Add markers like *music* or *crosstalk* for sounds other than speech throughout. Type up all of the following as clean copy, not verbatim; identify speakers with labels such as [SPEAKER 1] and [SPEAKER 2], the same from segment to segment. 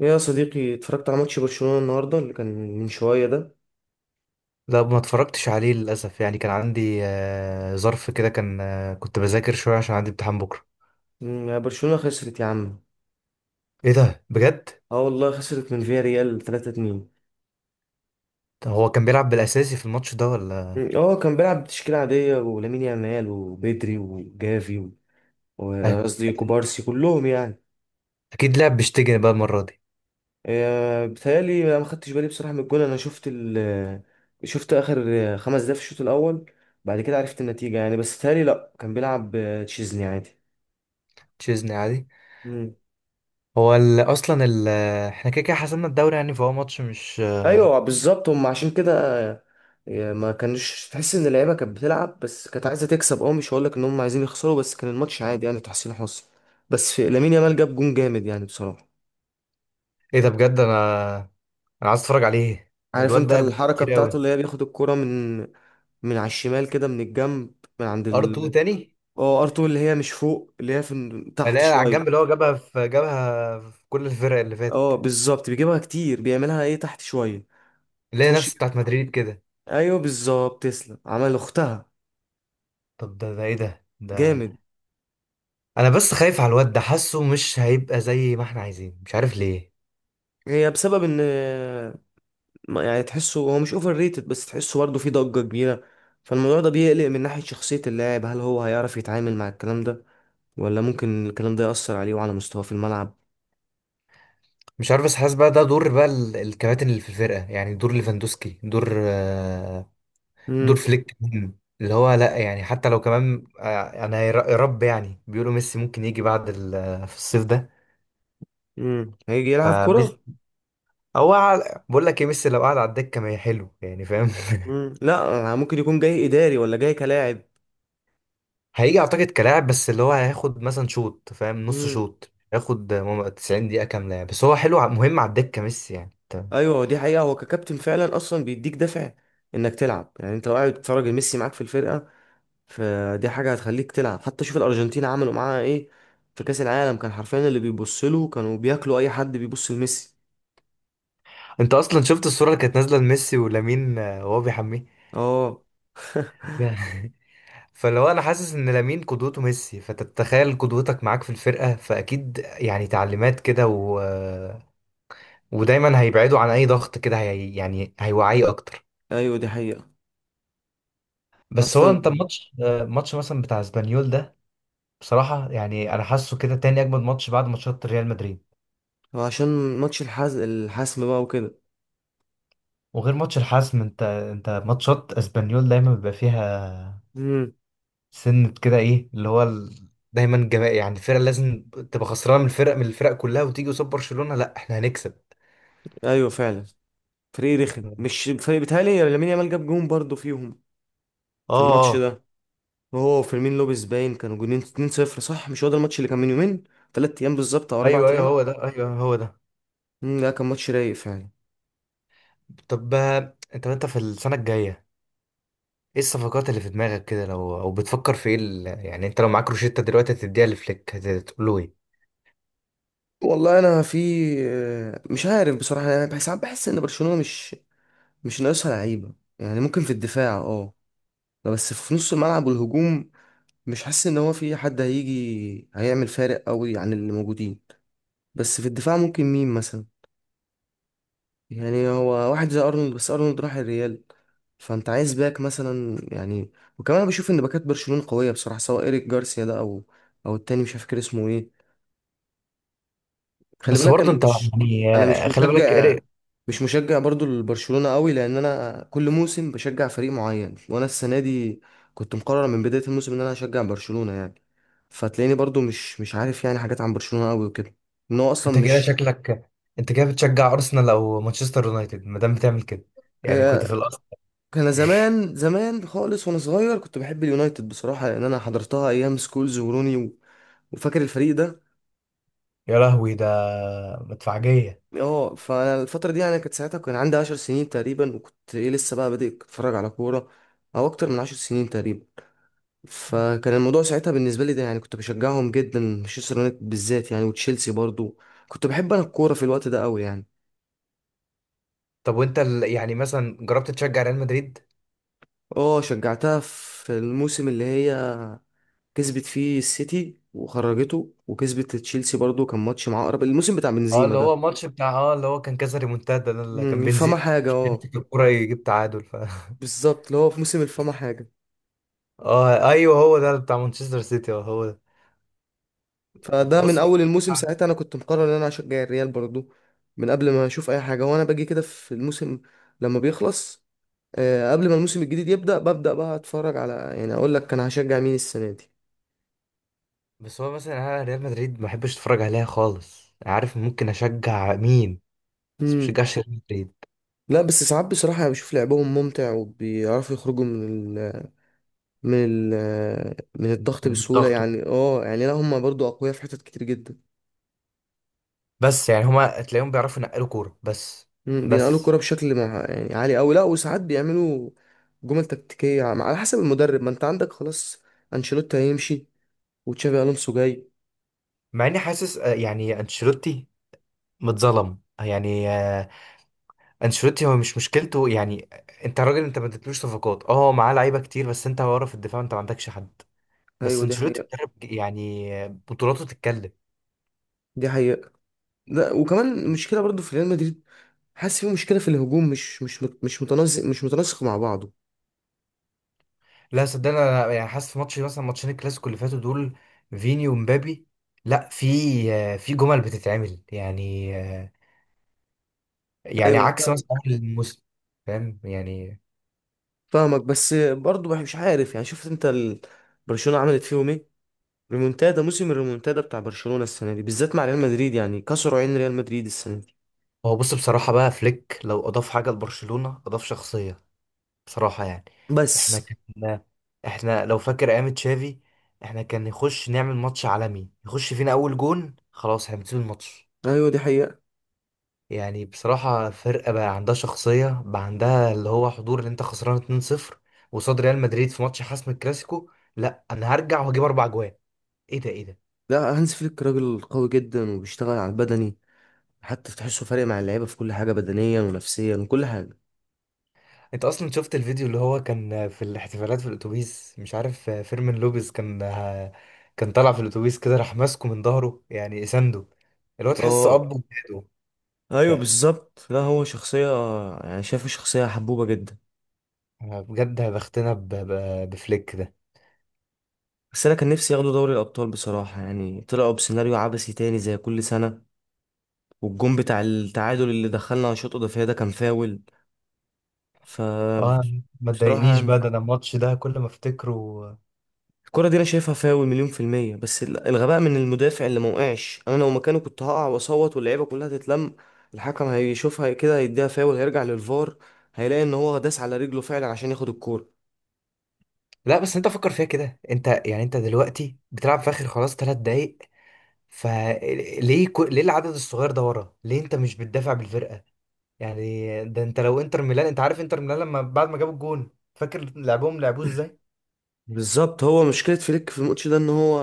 [SPEAKER 1] إيه يا صديقي، اتفرجت على ماتش برشلونة النهاردة اللي كان من شوية ده؟
[SPEAKER 2] لا، ما اتفرجتش عليه للاسف. يعني كان عندي ظرف كده. كان كنت بذاكر شويه عشان عندي امتحان بكره.
[SPEAKER 1] يا برشلونة خسرت يا عم.
[SPEAKER 2] ايه ده بجد؟
[SPEAKER 1] اه، والله خسرت من فيا ريال 3-2.
[SPEAKER 2] طب هو كان بيلعب بالاساسي في الماتش ده ولا؟
[SPEAKER 1] اه، كان بيلعب بتشكيلة عادية ولامين يامال وبيدري وجافي
[SPEAKER 2] أك-
[SPEAKER 1] وقصدي كوبارسي كلهم يعني.
[SPEAKER 2] اكيد لعب بشتيجن بقى المره دي.
[SPEAKER 1] بيتهيألي انا ما خدتش بالي بصراحة من الجول. انا شفت ال آه، شفت اخر 5 دقايق في الشوط الاول. بعد كده عرفت النتيجة يعني، بس بيتهيألي لا كان بيلعب تشيزني عادي.
[SPEAKER 2] تشيزني عادي. هو اصلا احنا كده كده حسمنا الدوري، يعني فهو ماتش مش...
[SPEAKER 1] ايوه بالظبط، هم عشان كده. ما كانش تحس ان اللعيبه كانت بتلعب، بس كانت عايزه تكسب. اه مش هقول لك ان هم عايزين يخسروا، بس كان الماتش عادي يعني، تحسين حظ. بس في لامين يامال، جاب جون جامد يعني بصراحه.
[SPEAKER 2] ايه ده بجد! انا عايز اتفرج عليه.
[SPEAKER 1] عارف
[SPEAKER 2] الواد
[SPEAKER 1] انت
[SPEAKER 2] ده أجوبة
[SPEAKER 1] الحركه
[SPEAKER 2] كتير
[SPEAKER 1] بتاعته،
[SPEAKER 2] قوي.
[SPEAKER 1] اللي هي بياخد الكرة من على الشمال كده، من الجنب، من عند
[SPEAKER 2] ار 2 تاني.
[SPEAKER 1] اه، ارتو اللي هي مش فوق، اللي هي في تحت
[SPEAKER 2] الاقي على الجنب
[SPEAKER 1] شويه.
[SPEAKER 2] اللي هو جابها في كل الفرق اللي
[SPEAKER 1] اه
[SPEAKER 2] فاتت،
[SPEAKER 1] بالظبط، بيجيبها كتير، بيعملها ايه تحت شويه.
[SPEAKER 2] اللي هي
[SPEAKER 1] بتخش.
[SPEAKER 2] نفس بتاعت مدريد كده.
[SPEAKER 1] ايوه بالظبط، تسلم عمل اختها.
[SPEAKER 2] طب ده ده ايه ده؟
[SPEAKER 1] جامد.
[SPEAKER 2] انا بس خايف على الواد ده، حاسه مش هيبقى زي ما احنا عايزين، مش عارف ليه.
[SPEAKER 1] هي بسبب ان يعني تحسه هو مش اوفر ريتد، بس تحسه برضه فيه ضجة كبيرة. فالموضوع ده بيقلق، من ناحية شخصية اللاعب، هل هو هيعرف يتعامل مع الكلام ده، ولا ممكن الكلام ده يأثر عليه وعلى مستواه في الملعب؟
[SPEAKER 2] مش عارف، بس حاسس بقى ده دور بقى الكباتن اللي في الفرقه، يعني دور ليفاندوسكي، دور دور
[SPEAKER 1] امم.
[SPEAKER 2] فليك مهم. اللي هو لا، يعني حتى لو كمان انا يا رب، يعني بيقولوا ميسي ممكن يجي بعد في الصيف ده.
[SPEAKER 1] هيجي يلعب كرة.
[SPEAKER 2] فميسي، بقول لك ايه، ميسي لو قعد على الدكه ما هي حلو، يعني فاهم؟ *laughs*
[SPEAKER 1] امم، لا يعني ممكن يكون جاي إداري ولا جاي كلاعب؟
[SPEAKER 2] هيجي اعتقد كلاعب، بس اللي هو هياخد مثلا شوط، فاهم، نص
[SPEAKER 1] امم.
[SPEAKER 2] شوط ياخد 90 دقيقه كامله يعني. بس هو حلو، مهم على الدكه ميسي يعني.
[SPEAKER 1] ايوه دي حقيقة، هو ككابتن فعلا اصلا بيديك دافع انك تلعب. يعني انت لو قاعد بتتفرج ميسي معاك في الفرقة، فدي حاجة هتخليك تلعب. حتى شوف الأرجنتين عملوا معاها ايه في كأس العالم، كان حرفيا اللي بيبص له كانوا بياكلوا اي حد بيبص لميسي.
[SPEAKER 2] انت اصلا شفت الصوره اللي كانت نازله لميسي ولامين وهو بيحميه؟
[SPEAKER 1] اه. *laughs*
[SPEAKER 2] *laughs* فلو انا حاسس ان لامين قدوته ميسي، فتتخيل قدوتك معاك في الفرقه، فاكيد يعني تعليمات كده و... آه، ودايما هيبعدوا عن اي ضغط كده يعني هيوعيه اكتر.
[SPEAKER 1] ايوه دي حقيقة.
[SPEAKER 2] بس هو
[SPEAKER 1] اصلا
[SPEAKER 2] انت الماتش ماتش مثلا بتاع اسبانيول ده، بصراحه يعني انا حاسه كده تاني اجمد ماتش بعد ماتشات ريال مدريد.
[SPEAKER 1] عشان ماتش الحسم بقى وكده.
[SPEAKER 2] وغير ماتش الحسم، انت ماتشات اسبانيول دايما بيبقى فيها
[SPEAKER 1] امم.
[SPEAKER 2] سنة كده، ايه اللي هو دايما جماعي. يعني الفرقة لازم تبقى خسرانة من الفرق كلها، وتيجي قصاد برشلونة لا احنا هنكسب.
[SPEAKER 1] ايوه فعلا، فريق رخم
[SPEAKER 2] اه.
[SPEAKER 1] مش فريق. بيتهيألي لامين يامال جاب جون برضه فيهم في الماتش
[SPEAKER 2] اه.
[SPEAKER 1] ده. وهو وفيرمين لوبيز باين كانوا جونين 2-0. صح، مش هو ده الماتش اللي كان من يومين، 3 ايام بالظبط او اربع
[SPEAKER 2] ايوه، ايوه،
[SPEAKER 1] ايام
[SPEAKER 2] هو ده. ايوه، هو ده.
[SPEAKER 1] امم، لا كان ماتش رايق فعلا.
[SPEAKER 2] طب، انت في السنة الجاية، ايه الصفقات اللي في دماغك كده؟ لو او بتفكر في ايه يعني انت لو معاك روشيتا دلوقتي هتديها لفليك، هتقول له ايه؟
[SPEAKER 1] والله انا في آه، مش عارف بصراحة، يعني بحس ساعات. بحس ان برشلونة مش ناقصها لعيبة. يعني ممكن في الدفاع اه، بس في نص الملعب والهجوم مش حاسس ان هو في حد هيجي هيعمل فارق قوي عن اللي موجودين. بس في الدفاع ممكن مين مثلا؟ يعني هو واحد زي ارنولد، بس ارنولد راح الريال، فانت عايز باك مثلا يعني. وكمان أنا بشوف ان باكات برشلونة قوية بصراحة، سواء ايريك جارسيا ده او التاني مش فاكر اسمه ايه. خلي
[SPEAKER 2] بس
[SPEAKER 1] بالك انا
[SPEAKER 2] برضه انت
[SPEAKER 1] مش.
[SPEAKER 2] يعني
[SPEAKER 1] انا مش
[SPEAKER 2] خلي بالك
[SPEAKER 1] مشجع
[SPEAKER 2] إيريك.
[SPEAKER 1] مش مشجع برضو لبرشلونة قوي، لان انا كل موسم بشجع فريق معين، وانا السنة دي كنت مقرر من بداية الموسم ان انا هشجع برشلونة يعني. فتلاقيني برضو مش عارف يعني حاجات عن برشلونة قوي وكده، ان هو اصلا
[SPEAKER 2] انت كده
[SPEAKER 1] مش.
[SPEAKER 2] شكلك انت كده بتشجع ارسنال او مانشستر يونايتد ما دام بتعمل كده، يعني كنت
[SPEAKER 1] آه،
[SPEAKER 2] في الاصل؟
[SPEAKER 1] انا زمان زمان خالص وانا صغير كنت بحب اليونايتد بصراحة، لان انا حضرتها ايام سكولز وروني وفاكر الفريق ده.
[SPEAKER 2] يا لهوي! ده مدفعجية.
[SPEAKER 1] اه، فانا الفتره دي يعني كانت ساعتها كان عندي 10 سنين تقريبا، وكنت ايه لسه بقى بادئ اتفرج على كوره، او اكتر من 10 سنين تقريبا. فكان الموضوع ساعتها بالنسبه لي ده، يعني كنت بشجعهم جدا مانشستر يونايتد بالذات يعني، وتشيلسي برضو. كنت بحب انا الكوره في الوقت ده قوي يعني.
[SPEAKER 2] طب وانت يعني مثلا جربت تشجع ريال مدريد؟
[SPEAKER 1] اه، شجعتها في الموسم اللي هي كسبت فيه السيتي وخرجته، وكسبت تشيلسي برضو، كان ماتش مع اقرب الموسم بتاع
[SPEAKER 2] اه،
[SPEAKER 1] بنزيما
[SPEAKER 2] اللي هو
[SPEAKER 1] ده.
[SPEAKER 2] ماتش بتاع، اه، اللي هو كان كذا ريمونتادا ده اللي كان
[SPEAKER 1] الفما
[SPEAKER 2] بنزيما
[SPEAKER 1] حاجه اه.
[SPEAKER 2] يمسك الكرة يجيب تعادل *laughs*
[SPEAKER 1] بالظبط، اللي هو في موسم الفما حاجه.
[SPEAKER 2] اه ايوه، هو ده بتاع مانشستر سيتي، اه هو ده.
[SPEAKER 1] فده من
[SPEAKER 2] بص هو.
[SPEAKER 1] اول الموسم ساعتها انا كنت مقرر ان انا هشجع الريال برضو، من قبل ما اشوف اي حاجه. وانا باجي كده في الموسم لما بيخلص، قبل ما الموسم الجديد يبدا، ببدا بقى اتفرج على، يعني اقول لك انا هشجع مين السنه دي.
[SPEAKER 2] بس هو مثلا انا ريال مدريد ما بحبش اتفرج عليها خالص، عارف ممكن اشجع مين؟ بس ما
[SPEAKER 1] مم.
[SPEAKER 2] بشجعش ريال مدريد.
[SPEAKER 1] لا بس ساعات بصراحه انا بشوف لعبهم ممتع، وبيعرفوا يخرجوا من من الضغط
[SPEAKER 2] من
[SPEAKER 1] بسهوله
[SPEAKER 2] الضغط.
[SPEAKER 1] يعني. اه يعني لا، هم برضو اقوياء في حتت كتير جدا.
[SPEAKER 2] بس يعني هما تلاقيهم بيعرفوا ينقلوا كورة بس.
[SPEAKER 1] بينقلوا الكرة
[SPEAKER 2] بس
[SPEAKER 1] بشكل مع يعني عالي أوي. لا وساعات بيعملوا جمل تكتيكية على حسب المدرب. ما انت عندك خلاص، انشيلوتي هيمشي وتشابي الونسو جاي.
[SPEAKER 2] مع اني حاسس يعني انشيلوتي متظلم يعني. انشيلوتي هو مش مشكلته يعني. انت راجل، انت ما اديتلوش صفقات، اه معاه لعيبه كتير، بس انت ورا في الدفاع انت ما عندكش حد. بس
[SPEAKER 1] ايوه، دي
[SPEAKER 2] انشيلوتي
[SPEAKER 1] حقيقة.
[SPEAKER 2] بيدرب، يعني بطولاته تتكلم.
[SPEAKER 1] دي حقيقة. لا وكمان مشكلة برضو في ريال مدريد، حاسس في مشكلة في الهجوم، مش متناسق مع بعضه.
[SPEAKER 2] لا صدقني، انا يعني حاسس في ماتش، مثلا ماتشين الكلاسيكو اللي فاتوا دول، فيني ومبابي. لا، في في جمل بتتعمل، يعني يعني
[SPEAKER 1] ايوه انا
[SPEAKER 2] عكس مثلا
[SPEAKER 1] فاهمك
[SPEAKER 2] اول الموسم، فاهم يعني؟
[SPEAKER 1] فاهمك بس برضو مش عارف، يعني شفت انت برشلونة عملت فيهم ايه؟ ريمونتادا موسم الريمونتادا بتاع برشلونة السنة دي بالذات مع ريال مدريد، يعني كسروا عين ريال مدريد السنة دي.
[SPEAKER 2] هو بص، بصراحة بقى فليك لو أضاف حاجة لبرشلونة أضاف شخصية، بصراحة يعني. احنا
[SPEAKER 1] بس.
[SPEAKER 2] كان احنا لو فاكر ايام تشافي، احنا كان نخش نعمل ماتش عالمي، يخش فينا اول جون، خلاص احنا بنسيب الماتش.
[SPEAKER 1] ايوه، دي حقيقة.
[SPEAKER 2] يعني بصراحة فرقة بقى عندها شخصية، بقى عندها اللي هو حضور، اللي انت خسران 2-0 وصاد ريال مدريد في ماتش حسم الكلاسيكو، لا انا هرجع وهجيب 4 جوان. ايه ده! ايه ده!
[SPEAKER 1] لا، هانز فليك راجل قوي جدا وبيشتغل على البدني، حتى تحسه فارق مع اللعيبه في كل حاجه، بدنيا ونفسيا وكل حاجه.
[SPEAKER 2] انت اصلا شفت الفيديو اللي هو كان في الاحتفالات في الاتوبيس؟ مش عارف، فيرمين لوبيز كان كان طالع في الاتوبيس كده، راح ماسكه من ظهره يعني سنده، اللي هو تحس اب
[SPEAKER 1] اه
[SPEAKER 2] وجداده. ف-
[SPEAKER 1] ايوه بالظبط، لا هو شخصية. يعني شايفه شخصية حبوبة جدا.
[SPEAKER 2] بجد بختنا بفليك ده.
[SPEAKER 1] بس انا كان نفسي ياخدوا دوري الابطال بصراحة، يعني طلعوا بسيناريو عبثي تاني زي كل سنة. والجون بتاع التعادل اللي دخلنا على شوط اضافية ده كان فاول. ف
[SPEAKER 2] اه ما
[SPEAKER 1] بصراحة
[SPEAKER 2] تضايقنيش بقى، ده انا الماتش ده كل ما افتكره.
[SPEAKER 1] الكرة دي انا شايفها فاول مليون في المية، بس الغباء من المدافع اللي ما وقعش، انا لو مكانه كنت هقع واصوت واللعيبة كلها تتلم. الحكم هيشوفها كده، هيديها فاول، هيرجع للفار، هيلاقي ان هو داس على رجله فعلا عشان ياخد الكورة.
[SPEAKER 2] لا بس انت فكر فيها كده، انت يعني انت دلوقتي بتلعب في اخر خلاص 3 دقايق، فليه ليه العدد الصغير ده ورا؟ ليه انت مش بتدافع بالفرقه؟ يعني ده انت لو انتر ميلان. انت عارف انتر ميلان لما بعد ما جابوا الجون، فاكر لعبهم لعبوه ازاي؟
[SPEAKER 1] بالظبط، هو مشكلة فليك في الماتش ده ان هو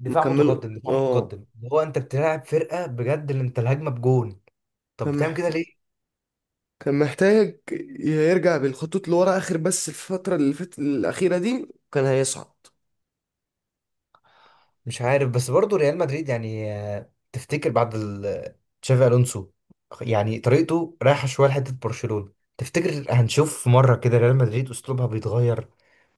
[SPEAKER 2] دفاع
[SPEAKER 1] مكمله.
[SPEAKER 2] متقدم، دفاع
[SPEAKER 1] اه،
[SPEAKER 2] متقدم. هو انت بتلعب فرقه بجد، اللي انت الهجمه بجون، طب
[SPEAKER 1] كان
[SPEAKER 2] بتعمل كده
[SPEAKER 1] محتاج
[SPEAKER 2] ليه؟
[SPEAKER 1] كان محتاج يرجع بالخطوط لورا اخر، بس الفترة اللي فاتت الأخيرة دي كان هيصعد.
[SPEAKER 2] مش عارف، بس برضه ريال مدريد يعني تفتكر بعد تشافي الونسو، يعني طريقته رايحه شويه لحته برشلونه، تفتكر هنشوف مره كده ريال مدريد اسلوبها بيتغير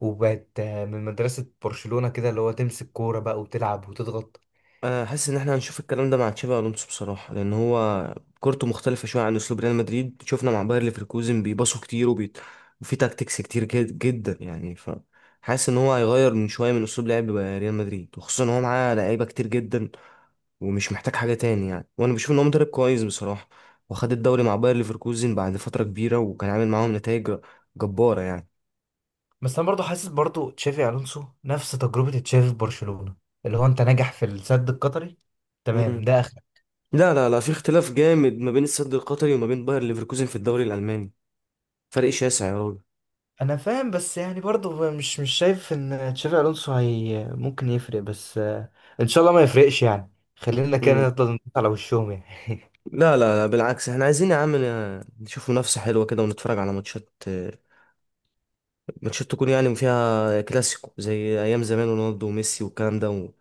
[SPEAKER 2] وبقت من مدرسه برشلونه كده، اللي هو تمسك كوره بقى وتلعب وتضغط؟
[SPEAKER 1] انا حاسس ان احنا هنشوف الكلام ده مع تشابي الونسو بصراحه، لان هو كورته مختلفه شويه عن اسلوب ريال مدريد. شفنا مع باير ليفركوزن بيباصوا كتير وفي تاكتكس كتير جدا يعني. ف حاسس ان هو هيغير من شويه من اسلوب لعب ريال مدريد، وخصوصا ان هو معاه لعيبه كتير جدا ومش محتاج حاجه تاني يعني. وانا بشوف ان هو مدرب كويس بصراحه، وخد الدوري مع باير ليفركوزن بعد فتره كبيره، وكان عامل معاهم نتائج جباره يعني.
[SPEAKER 2] بس انا برضه حاسس برضه تشافي الونسو نفس تجربه تشافي في برشلونه، اللي هو انت ناجح في السد القطري،
[SPEAKER 1] مم.
[SPEAKER 2] تمام ده.
[SPEAKER 1] لا لا لا، في اختلاف جامد ما بين السد القطري وما بين باير ليفركوزن في الدوري الالماني. فرق شاسع يا راجل.
[SPEAKER 2] انا فاهم، بس يعني برضه مش شايف ان تشافي الونسو هي ممكن يفرق، بس ان شاء الله ما يفرقش يعني، خلينا كده نفضل ندوس على وشهم يعني.
[SPEAKER 1] لا لا لا، بالعكس، احنا عايزين يا عم نشوف منافسة حلوة كده، ونتفرج على ماتشات. ماتشات تكون يعني فيها كلاسيكو زي أيام زمان رونالدو وميسي والكلام ده،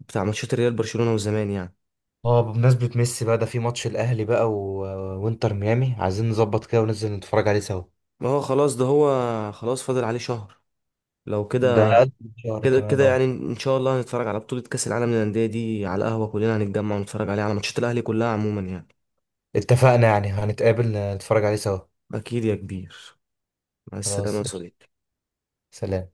[SPEAKER 1] بتاع ماتشات الريال برشلونة وزمان يعني.
[SPEAKER 2] اه، بمناسبة ميسي بقى، ده في ماتش الاهلي بقى وانتر ميامي، عايزين نظبط كده وننزل نتفرج عليه سوا.
[SPEAKER 1] ما هو خلاص، ده هو خلاص فاضل عليه شهر. لو
[SPEAKER 2] ده
[SPEAKER 1] كده،
[SPEAKER 2] أقل من شهر
[SPEAKER 1] كده
[SPEAKER 2] كمان،
[SPEAKER 1] كده
[SPEAKER 2] اه.
[SPEAKER 1] يعني إن شاء الله هنتفرج على بطولة كأس العالم للأندية دي على القهوة. كلنا هنتجمع ونتفرج عليها على ماتشات الأهلي كلها عموما يعني.
[SPEAKER 2] اتفقنا يعني، هنتقابل نتفرج عليه سوا.
[SPEAKER 1] أكيد يا كبير، مع السلامة
[SPEAKER 2] خلاص.
[SPEAKER 1] يا صديقي.
[SPEAKER 2] سلام.